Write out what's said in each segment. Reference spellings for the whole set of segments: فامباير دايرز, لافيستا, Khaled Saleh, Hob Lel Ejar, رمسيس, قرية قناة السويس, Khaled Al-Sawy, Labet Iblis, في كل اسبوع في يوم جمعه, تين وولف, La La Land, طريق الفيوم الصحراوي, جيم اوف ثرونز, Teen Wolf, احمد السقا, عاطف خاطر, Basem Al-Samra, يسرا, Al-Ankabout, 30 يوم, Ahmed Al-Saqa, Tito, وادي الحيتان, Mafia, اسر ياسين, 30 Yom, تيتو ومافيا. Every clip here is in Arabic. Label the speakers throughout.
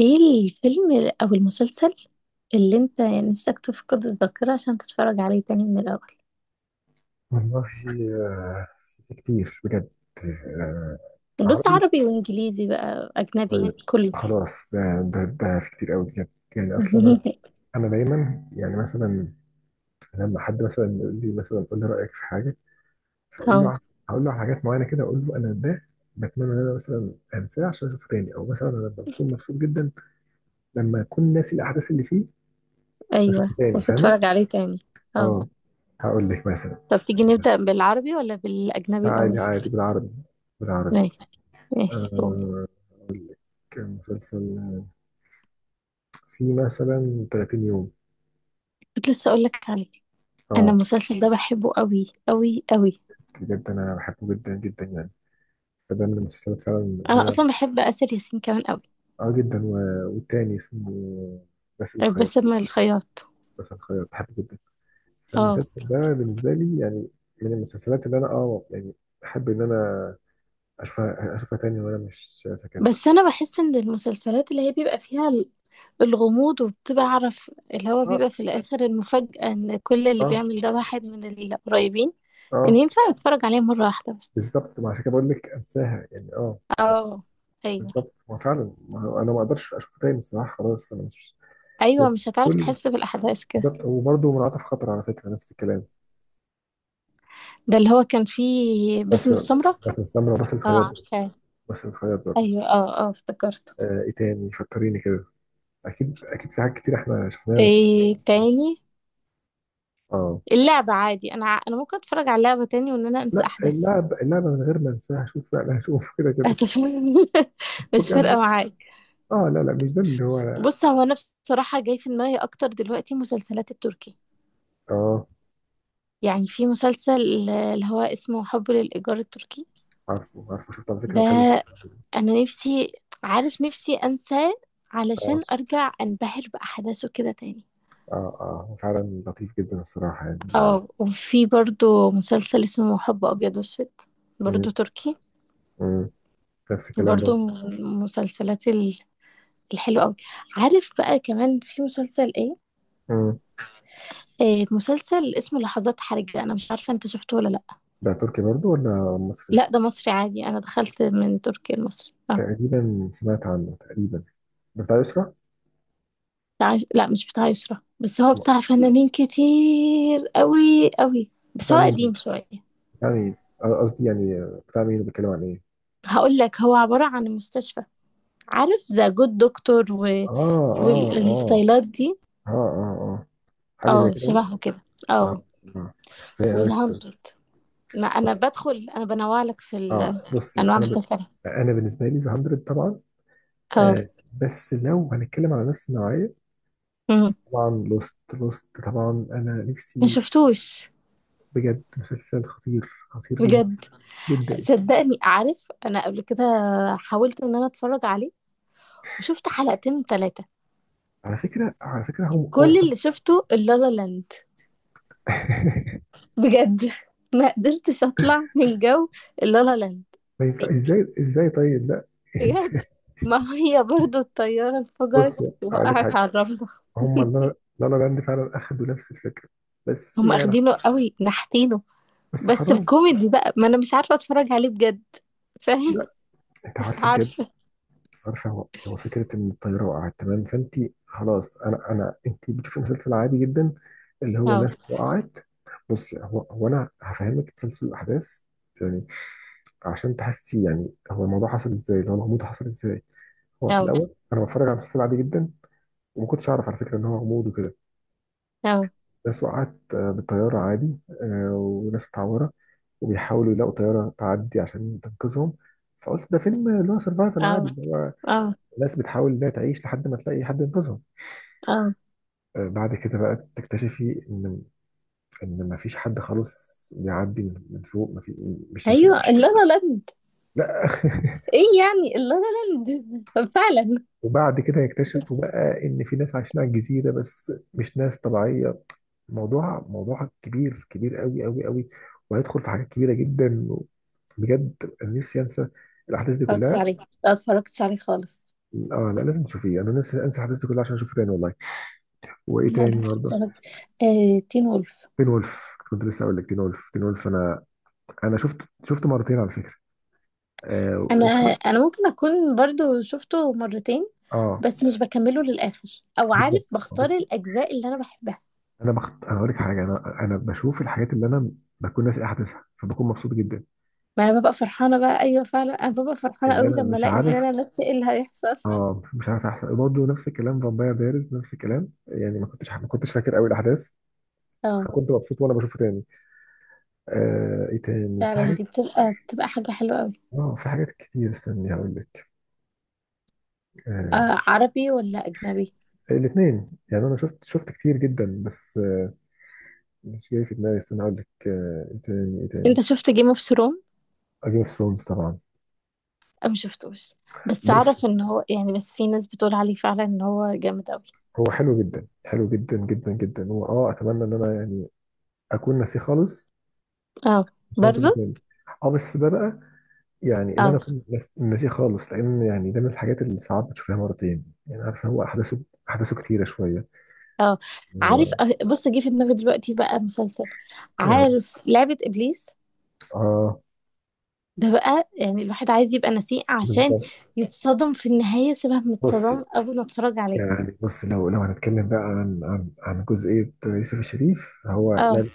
Speaker 1: ايه الفيلم او المسلسل اللي انت نفسك تفقد الذاكرة عشان تتفرج عليه تاني من الاول؟
Speaker 2: والله، آه، في كتير بجد. آه،
Speaker 1: بص،
Speaker 2: عربي.
Speaker 1: عربي وانجليزي بقى،
Speaker 2: طيب،
Speaker 1: اجنبي كله.
Speaker 2: خلاص، ده في كتير قوي بجد. يعني اصلا انا، دايما، يعني مثلا لما حد مثلا يقول لي مثلا قول لي رايك في حاجه، فاقول له
Speaker 1: اه.
Speaker 2: ع- هقول له على حاجات معينه كده، اقول له انا ده بتمنى ان انا مثلا انساه عشان اشوفه تاني، او مثلا انا لما بكون مبسوط جدا لما اكون ناسي الاحداث اللي فيه،
Speaker 1: ايوه
Speaker 2: فاشوفه تاني، فاهمه؟
Speaker 1: وتتفرج عليه تاني. اه.
Speaker 2: اه. هقول لك مثلا.
Speaker 1: طب تيجي نبدأ بالعربي ولا بالاجنبي
Speaker 2: عادي
Speaker 1: الاول؟
Speaker 2: عادي بالعربي، بالعربي.
Speaker 1: ماشي. ماشي قول.
Speaker 2: آه، كان مسلسل في مثلا 30 يوم.
Speaker 1: كنت لسه اقول لك عليه. انا
Speaker 2: اه،
Speaker 1: المسلسل ده بحبه قوي قوي قوي.
Speaker 2: بجد انا بحبه جدا جدا، يعني فده من المسلسلات فعلا اللي
Speaker 1: انا
Speaker 2: انا،
Speaker 1: اصلا بحب اسر ياسين كمان قوي.
Speaker 2: اه جدا والتاني اسمه باسل الخياط.
Speaker 1: بس من الخياط.
Speaker 2: باسل الخياط بحبه جدا،
Speaker 1: اه.
Speaker 2: فالمسلسل ده بالنسبه لي يعني من المسلسلات اللي انا اه يعني بحب ان انا اشوفها تاني وانا مش فاكرها.
Speaker 1: بس انا بحس ان المسلسلات اللي هي بيبقى فيها الغموض وبتعرف اللي هو
Speaker 2: اه،
Speaker 1: بيبقى في الآخر المفاجأة إن كل اللي
Speaker 2: اه،
Speaker 1: بيعمل ده واحد من القريبين، إن
Speaker 2: اه،
Speaker 1: ينفع أتفرج عليه مرة واحدة بس.
Speaker 2: بالظبط، ما عشان كده بقول لك انساها، يعني اه،
Speaker 1: اه. أيوه.
Speaker 2: بالظبط، ما فعلا، ما هو انا ما اقدرش اشوفه تاني الصراحه، خلاص انا مش،
Speaker 1: أيوه،
Speaker 2: هو
Speaker 1: مش هتعرف
Speaker 2: كله.
Speaker 1: تحس بالأحداث كده.
Speaker 2: بالظبط، وبرضه من عاطف خاطر على فكره نفس الكلام.
Speaker 1: ده اللي هو كان فيه باسم
Speaker 2: بس
Speaker 1: السمرة.
Speaker 2: بس السمرة وبس
Speaker 1: اه
Speaker 2: الخياط،
Speaker 1: عارفاه.
Speaker 2: بس الخياط برضه.
Speaker 1: أيوه، اه اه، افتكرته.
Speaker 2: آه، ايه تاني، فكريني كده. اكيد في حاجات كتير احنا شفناها، بس
Speaker 1: إيه
Speaker 2: بس-
Speaker 1: تاني؟
Speaker 2: اه.
Speaker 1: اللعبة عادي، أنا أنا ممكن أتفرج على اللعبة تاني وإن أنا أنسى
Speaker 2: لا
Speaker 1: أحداث.
Speaker 2: اللعب اللعبة من غير ما انساها هشوف، لا لا هشوف كده كده.
Speaker 1: مش
Speaker 2: وكان،
Speaker 1: فارقة معايا.
Speaker 2: اه، لا لا، مش ده اللي هو.
Speaker 1: بص، هو أنا بصراحة جاي في دماغي أكتر دلوقتي مسلسلات التركي.
Speaker 2: اه،
Speaker 1: يعني في مسلسل اللي هو اسمه حب للإيجار التركي.
Speaker 2: عارفه، شفته على فكرة
Speaker 1: ده
Speaker 2: وحلو جدا.
Speaker 1: أنا نفسي، عارف، نفسي أنساه
Speaker 2: اه
Speaker 1: علشان أرجع أنبهر بأحداثه كده تاني.
Speaker 2: اه اه، هو فعلا لطيف جدا الصراحة، يعني ما-.
Speaker 1: اه وفي برضو مسلسل اسمه حب أبيض وأسود،
Speaker 2: مم،
Speaker 1: برضو تركي.
Speaker 2: مم. نفس الكلام
Speaker 1: برضو
Speaker 2: برضه.
Speaker 1: من المسلسلات الحلوة أوي. عارف بقى كمان في مسلسل إيه؟
Speaker 2: مم.
Speaker 1: مسلسل اسمه لحظات حرجة، أنا مش عارفة أنت شفته ولا لأ.
Speaker 2: ده تركي برضه ولا مصري؟
Speaker 1: لأ، ده مصري عادي، أنا دخلت من تركيا المصري.
Speaker 2: تقريبا سمعت عنه تقريبا. ده بتاع يسرا؟
Speaker 1: بتاع لا مش بتاع عشرة، بس هو بتاع فنانين كتير قوي قوي، بس
Speaker 2: بتاع
Speaker 1: هو
Speaker 2: مين؟
Speaker 1: قديم شوية.
Speaker 2: يعني، قصدي يعني بتاع مين، بيتكلم عن ايه.
Speaker 1: هقول لك، هو عبارة عن مستشفى، عارف ذا جود دكتور
Speaker 2: اه اه اه.
Speaker 1: والستايلات دي.
Speaker 2: اه اه اه، حاجه زي
Speaker 1: اه
Speaker 2: كده يعني؟
Speaker 1: شبهه كده، اه.
Speaker 2: اه، اه. ازاي
Speaker 1: وذا
Speaker 2: عرفت؟
Speaker 1: هاندرد. أنا بدخل، انا بنوع لك في
Speaker 2: اه،
Speaker 1: الانواع المختلفة.
Speaker 2: انا بالنسبه لي ذا 100 طبعا.
Speaker 1: اه.
Speaker 2: آه، بس لو هنتكلم على نفس النوعيه،
Speaker 1: مم.
Speaker 2: طبعا لوست، لوست طبعا انا
Speaker 1: ما
Speaker 2: نفسي،
Speaker 1: شفتوش.
Speaker 2: بجد مسلسل خطير، خطير جدا،
Speaker 1: بجد.
Speaker 2: جدا.
Speaker 1: صدقني عارف انا قبل كده حاولت ان انا اتفرج عليه وشفت حلقتين ثلاثة.
Speaker 2: على فكره، على فكره هو
Speaker 1: كل
Speaker 2: هو-
Speaker 1: اللي شفته اللالا لاند. بجد. ما قدرتش اطلع من جو اللا لا لاند.
Speaker 2: ما ينفع. ازاي؟ ازاي؟ طيب لا،
Speaker 1: بجد.
Speaker 2: ازاي؟
Speaker 1: ما هي برضو الطيارة انفجرت،
Speaker 2: بص، اقول لك
Speaker 1: وقعت
Speaker 2: حاجه،
Speaker 1: على الرملة.
Speaker 2: هم لا لا لا لاند فعلا اخدوا نفس الفكره، بس
Speaker 1: هم
Speaker 2: يعني،
Speaker 1: اخدينه قوي نحتينه.
Speaker 2: بس
Speaker 1: بس
Speaker 2: حرام بس.
Speaker 1: بكوميدي بقى، ما انا مش عارفة اتفرج عليه بجد. فاهم.
Speaker 2: انت
Speaker 1: مش
Speaker 2: عارفه بجد،
Speaker 1: عارفة.
Speaker 2: عارفه هو، هو فكره ان الطياره وقعت، تمام؟ فانت خلاص، انا انا، انت بتشوفي مسلسل عادي جدا اللي هو
Speaker 1: او،
Speaker 2: ناس وقعت. بصي، هو انا هفهمك تسلسل الاحداث يعني، عشان تحسي يعني هو الموضوع حصل ازاي، اللي هو الغموض حصل ازاي. هو في
Speaker 1: او،
Speaker 2: الاول انا بتفرج على مسلسل عادي جدا، وما كنتش اعرف على فكره ان هو غموض وكده.
Speaker 1: او،
Speaker 2: ناس وقعت، آه، بالطياره عادي، آه، وناس اتعورت، وبيحاولوا يلاقوا طيارة تعدي عشان تنقذهم. فقلت ده فيلم اللي هو سرفايفل
Speaker 1: او،
Speaker 2: عادي، اللي هو
Speaker 1: او،
Speaker 2: ناس بتحاول انها تعيش لحد ما تلاقي حد ينقذهم.
Speaker 1: او.
Speaker 2: آه، بعد كده بقى تكتشفي ان ان ما فيش حد خالص بيعدي من فوق، ما في، مش شايفين.
Speaker 1: ايوه اللا لا لاند.
Speaker 2: لا
Speaker 1: ايه يعني اللا لا لاند؟ فعلا
Speaker 2: وبعد كده يكتشفوا بقى ان في ناس عايشين على الجزيرة، بس مش ناس طبيعية. موضوع، موضوع كبير، كبير، قوي قوي قوي، وهيدخل في حاجات كبيرة جدا. بجد، انا نفسي انسى الاحداث دي
Speaker 1: اتفرجتش
Speaker 2: كلها.
Speaker 1: عليه ما اتفرجتش عليه خالص.
Speaker 2: اه، لا لازم تشوفيه، انا نفسي انسى حفلته كلها عشان اشوفه تاني والله. وايه
Speaker 1: لا لا،
Speaker 2: تاني برضه؟
Speaker 1: اتفرجت. آه تين وولف.
Speaker 2: تين وولف. كنت لسه اقول لك، تين وولف، تين وولف انا، انا شفته مرتين على فكره. آه،
Speaker 1: انا
Speaker 2: وكنت،
Speaker 1: انا ممكن اكون برضو شفته مرتين،
Speaker 2: اه
Speaker 1: بس مش بكمله للاخر، او عارف
Speaker 2: بالظبط.
Speaker 1: بختار
Speaker 2: بص،
Speaker 1: الاجزاء اللي انا بحبها.
Speaker 2: انا اقول لك حاجه، انا بشوف الحاجات اللي انا بكون ناسي احداثها، فبكون مبسوط جدا.
Speaker 1: ما انا ببقى فرحانه بقى، ايوه فعلا انا ببقى فرحانه
Speaker 2: اللي
Speaker 1: قوي
Speaker 2: انا
Speaker 1: لما
Speaker 2: مش
Speaker 1: الاقي ان
Speaker 2: عارف،
Speaker 1: انا لاتس ايه اللي هيحصل.
Speaker 2: اه مش عارف احسن، برضه نفس الكلام، فامباير دايرز نفس الكلام، يعني ما كنتش فاكر قوي الاحداث،
Speaker 1: اه
Speaker 2: فكنت مبسوط وانا بشوفه تاني. آه، ايه تاني في
Speaker 1: فعلا
Speaker 2: حاجات؟
Speaker 1: دي بتبقى حاجه حلوه قوي.
Speaker 2: اه، في حاجات كتير، استني هقول لك. آه،
Speaker 1: آه عربي ولا اجنبي؟
Speaker 2: الاثنين، يعني انا شفت كتير جدا، بس آه، مش جاي في دماغي، استنى اقول لك. آه، ايه تاني؟ ايه تاني؟
Speaker 1: انت شفت جيم اوف ثرون؟
Speaker 2: جيم اوف ثرونز طبعا.
Speaker 1: او ما شفتوش، بس
Speaker 2: بص،
Speaker 1: اعرف ان هو، يعني، بس في ناس بتقول عليه فعلا ان هو جامد قوي.
Speaker 2: هو حلو جدا، حلو جدا جدا جدا، هو اه اتمنى ان انا يعني اكون ناسيه خالص
Speaker 1: اه
Speaker 2: عشان
Speaker 1: برضو.
Speaker 2: اشوف تاني. اه، بس ده بقى يعني ان
Speaker 1: اه
Speaker 2: انا اكون ناسيه خالص، لان يعني ده من الحاجات اللي ساعات بتشوفها مرتين، يعني عارفه هو احداثه، احداثه كتيره شويه
Speaker 1: اه عارف.
Speaker 2: و...
Speaker 1: بص جه في دماغي دلوقتي بقى مسلسل،
Speaker 2: يعني،
Speaker 1: عارف لعبة إبليس؟
Speaker 2: اه
Speaker 1: ده بقى يعني الواحد عايز يبقى نسيء عشان
Speaker 2: بالظبط.
Speaker 1: يتصدم في النهاية شبه ما
Speaker 2: بص،
Speaker 1: اتصدم أول ما اتفرج عليه.
Speaker 2: يعني بص لو لو هنتكلم بقى عن عن جزئية يوسف الشريف، هو
Speaker 1: اه
Speaker 2: لا،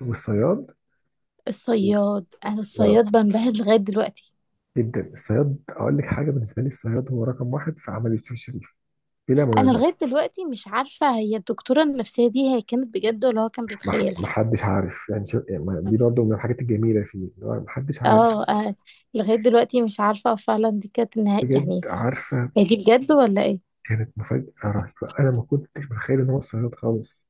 Speaker 2: والصياد.
Speaker 1: الصياد، أنا
Speaker 2: الصياد،
Speaker 1: الصياد بنبهر لغاية دلوقتي.
Speaker 2: جدا الصياد. اقول لك حاجه، بالنسبه لي الصياد هو رقم واحد في عمل يوسف الشريف، بلا
Speaker 1: أنا
Speaker 2: منازع.
Speaker 1: لغاية دلوقتي مش عارفة، هي الدكتورة النفسية دي هي كانت بجد ولا هو كان بيتخيلها.
Speaker 2: ما حدش عارف، يعني شو يعني ما-، دي برضو من الحاجات الجميله فيه، إن هو ما حدش عارف.
Speaker 1: اه. آه، لغاية دلوقتي مش عارفة فعلا دي كانت النهاية،
Speaker 2: بجد،
Speaker 1: يعني
Speaker 2: عارفه،
Speaker 1: هي دي بجد ولا ايه.
Speaker 2: كانت مفاجاه رهيبه، انا ما كنتش متخيل ان هو الصياد خالص،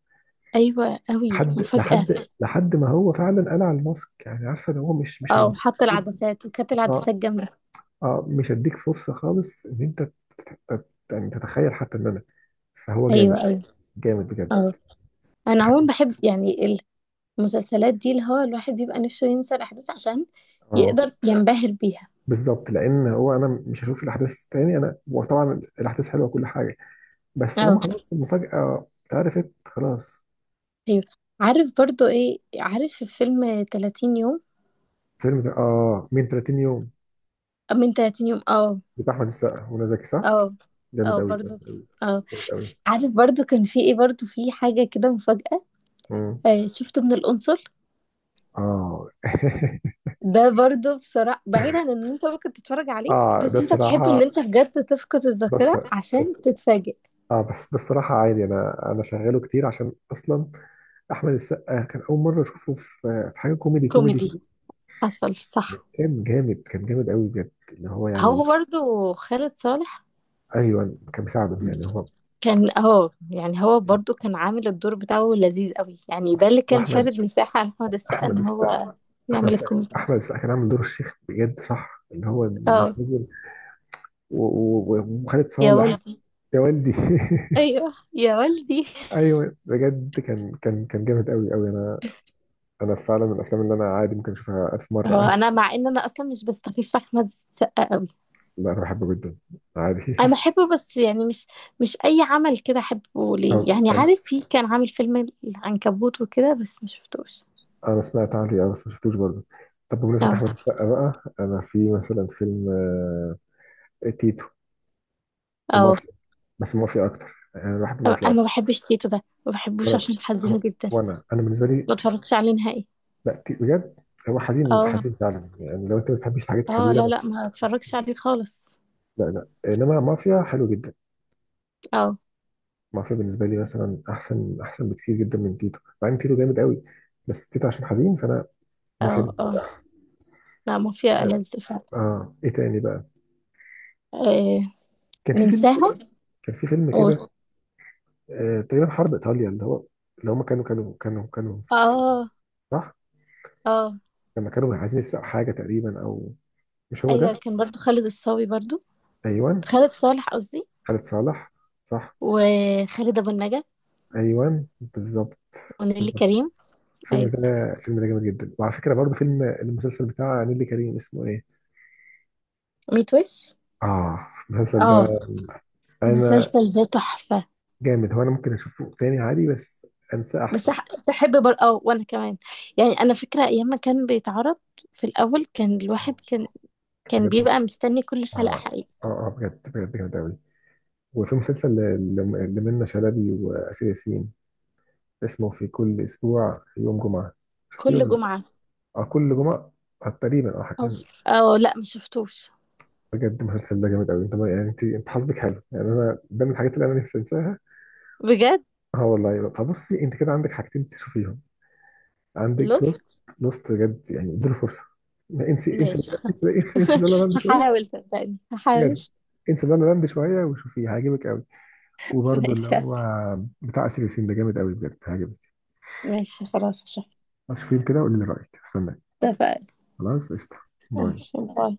Speaker 1: أيوة أوي
Speaker 2: لحد
Speaker 1: مفاجأة.
Speaker 2: لحد ما هو فعلا قلع الماسك، يعني عارفه ان هو مش
Speaker 1: اه
Speaker 2: هيبقى،
Speaker 1: وحط العدسات، وكانت العدسات جامدة.
Speaker 2: اه، مش هديك فرصه خالص ان انت يعني تتخيل حتى ان انا، فهو جامد،
Speaker 1: ايوه ايوه.
Speaker 2: جامد بجد.
Speaker 1: اه. انا عموما
Speaker 2: تخيل.
Speaker 1: بحب، يعني، المسلسلات دي اللي هو الواحد بيبقى نفسه ينسى الاحداث عشان
Speaker 2: اه
Speaker 1: يقدر ينبهر بيها.
Speaker 2: بالظبط، لان هو انا مش هشوف الاحداث تاني انا، وطبعا الاحداث حلوه وكل حاجه، بس طالما
Speaker 1: اه.
Speaker 2: خلاص المفاجاه اتعرفت، خلاص.
Speaker 1: ايوه. عارف برضو ايه؟ عارف في فيلم 30 يوم.
Speaker 2: الفيلم ده اه، من 30 يوم
Speaker 1: أو من 30 يوم، اه.
Speaker 2: بتاع احمد السقا ومنى زكي، صح؟
Speaker 1: اه
Speaker 2: جامد
Speaker 1: اه
Speaker 2: قوي، جامد
Speaker 1: برضو،
Speaker 2: قوي،
Speaker 1: اه.
Speaker 2: جامد قوي.
Speaker 1: عارف برضو كان في ايه، برضو في حاجة كده مفاجأة.
Speaker 2: مم.
Speaker 1: آه شفته من القنصل.
Speaker 2: اه
Speaker 1: ده برضو بصراحة بعيدا عن ان انت ممكن تتفرج عليه،
Speaker 2: اه، ده
Speaker 1: بس انت تحب ان
Speaker 2: الصراحه،
Speaker 1: انت بجد تفقد
Speaker 2: بس
Speaker 1: الذاكرة عشان
Speaker 2: بس،
Speaker 1: تتفاجئ.
Speaker 2: اه بس ده الصراحه عادي، انا انا شغاله كتير، عشان اصلا احمد السقا كان اول مره اشوفه في، في حاجه كوميدي، كوميدي
Speaker 1: كوميدي.
Speaker 2: كده.
Speaker 1: حصل صح.
Speaker 2: كان جامد، كان جامد قوي بجد، اللي هو يعني،
Speaker 1: هو برضو خالد صالح.
Speaker 2: ايوه كان بيساعده يعني هو.
Speaker 1: كان، اه، يعني هو برضو كان عامل الدور بتاعه لذيذ قوي، يعني ده اللي كان
Speaker 2: واحمد
Speaker 1: فارد مساحة لأحمد السقا
Speaker 2: احمد
Speaker 1: ان هو
Speaker 2: السقا احمد
Speaker 1: يعمل
Speaker 2: السقا
Speaker 1: الكوميدي.
Speaker 2: احمد السقا كان عامل دور الشيخ بجد، صح؟ اللي هو مش
Speaker 1: اه
Speaker 2: راجل، وخالد
Speaker 1: يا
Speaker 2: صالح.
Speaker 1: والدي.
Speaker 2: يا والدي.
Speaker 1: ايوه يا والدي.
Speaker 2: ايوه، بجد كان، كان جامد قوي قوي. انا، انا فعلا من الافلام اللي انا عادي ممكن اشوفها 1000 مره
Speaker 1: هو
Speaker 2: عادي.
Speaker 1: انا مع ان انا اصلا مش بستخف في احمد السقا قوي.
Speaker 2: لا انا بحبه جدا، عادي.
Speaker 1: انا بحبه بس يعني مش اي عمل كده احبه
Speaker 2: طب
Speaker 1: ليه، يعني
Speaker 2: طب
Speaker 1: عارف في كان عامل فيلم العنكبوت وكده بس ما شفتوش.
Speaker 2: انا سمعت عليه اه، بس ما شفتوش برضه. طب بمناسبه
Speaker 1: اه
Speaker 2: احمد السقا بقى، انا في مثلا فيلم آه، إيه، تيتو،
Speaker 1: اه.
Speaker 2: ومافيا. بس مافيا اكتر، يعني انا بحب مافيا
Speaker 1: انا ما
Speaker 2: اكتر.
Speaker 1: بحبش تيتو ده، ما بحبوش
Speaker 2: وانا،
Speaker 1: عشان حزين جدا.
Speaker 2: وانا بالنسبه لي،
Speaker 1: ما اتفرجتش عليه نهائي.
Speaker 2: لا تي- بجد هو حزين،
Speaker 1: اه
Speaker 2: حزين فعلا، يعني لو انت ما بتحبش الحاجات
Speaker 1: اه،
Speaker 2: الحزينه
Speaker 1: لا
Speaker 2: ما-.
Speaker 1: لا، ما اتفرجش عليه خالص.
Speaker 2: لا لا. انما مافيا حلو جدا،
Speaker 1: اه
Speaker 2: مافيا بالنسبه لي مثلا احسن، احسن بكتير جدا من تيتو، مع ان تيتو جامد قوي، بس تيتو عشان حزين فانا، مافيا
Speaker 1: اه
Speaker 2: بالنسبه لي
Speaker 1: اه.
Speaker 2: احسن.
Speaker 1: لا مافيا ألذ فعلا.
Speaker 2: اه، ايه تاني بقى؟
Speaker 1: آه
Speaker 2: كان في فيلم
Speaker 1: ننساها
Speaker 2: كان في فيلم
Speaker 1: و...
Speaker 2: كده، آه، تقريبا حرب ايطاليا، اللي هو اللي هم كانوا في-،
Speaker 1: اه
Speaker 2: صح.
Speaker 1: اه.
Speaker 2: لما كانوا عايزين يسرقوا حاجه تقريبا، او مش هو ده؟
Speaker 1: ايوه كان برضو خالد الصاوي، برضو
Speaker 2: ايوه،
Speaker 1: خالد صالح قصدي،
Speaker 2: خالد صالح، صح،
Speaker 1: وخالد ابو النجا،
Speaker 2: ايوه بالظبط،
Speaker 1: ونيلي
Speaker 2: بالظبط.
Speaker 1: كريم.
Speaker 2: الفيلم
Speaker 1: ايوه.
Speaker 2: ده، الفيلم ده جامد جدا. وعلى فكره، برضه فيلم، المسلسل بتاع نيللي كريم اسمه ايه؟
Speaker 1: ميت وش.
Speaker 2: اه، المسلسل
Speaker 1: اه
Speaker 2: ده انا،
Speaker 1: المسلسل ده تحفة.
Speaker 2: جامد، هو انا ممكن اشوفه تاني عادي، بس انساه
Speaker 1: بس
Speaker 2: احسن.
Speaker 1: بحب اه وانا كمان، يعني انا فكرة ايام ما كان بيتعرض في الاول، كان الواحد
Speaker 2: اه،
Speaker 1: كان، كان
Speaker 2: بجد،
Speaker 1: بيبقى مستني كل
Speaker 2: اه
Speaker 1: حلقة
Speaker 2: اه
Speaker 1: حقيقي.
Speaker 2: اه بجد، بجد جامد قوي. وفي مسلسل لمنى شلبي واسر ياسين، اسمه في كل اسبوع في يوم جمعه، شفتيه
Speaker 1: كل
Speaker 2: ولا لا؟
Speaker 1: جمعة.
Speaker 2: اه، كل جمعه، آه، تقريبا اه حاجه.
Speaker 1: اه لا، ما شفتوش.
Speaker 2: بجد المسلسل ده جامد قوي، انت ما-، يعني انت، انت حظك حلو، يعني انا ده من الحاجات اللي انا نفسي انساها.
Speaker 1: بجد.
Speaker 2: اه والله. فبصي، انت كده عندك حاجتين تشوفيهم، عندك
Speaker 1: لوست.
Speaker 2: لوست. لوست بجد، يعني اديله فرصه. ما انسي انسي
Speaker 1: ماشي
Speaker 2: انسي
Speaker 1: خلاص.
Speaker 2: انسي انسي لا لا لاند شويه،
Speaker 1: هحاول صدقني، هحاول.
Speaker 2: بجد انسي لا لا لاند شويه وشوفيه هيعجبك قوي. وبرده اللي
Speaker 1: ماشي.
Speaker 2: هو بتاع اسر ياسين ده جامد قوي بجد، هيعجبك.
Speaker 1: ماشي خلاص شفت.
Speaker 2: شوفيه كده وقولي لي رايك، استناك.
Speaker 1: اتفقنا.
Speaker 2: خلاص، قشطه. باي.
Speaker 1: ماشي باي.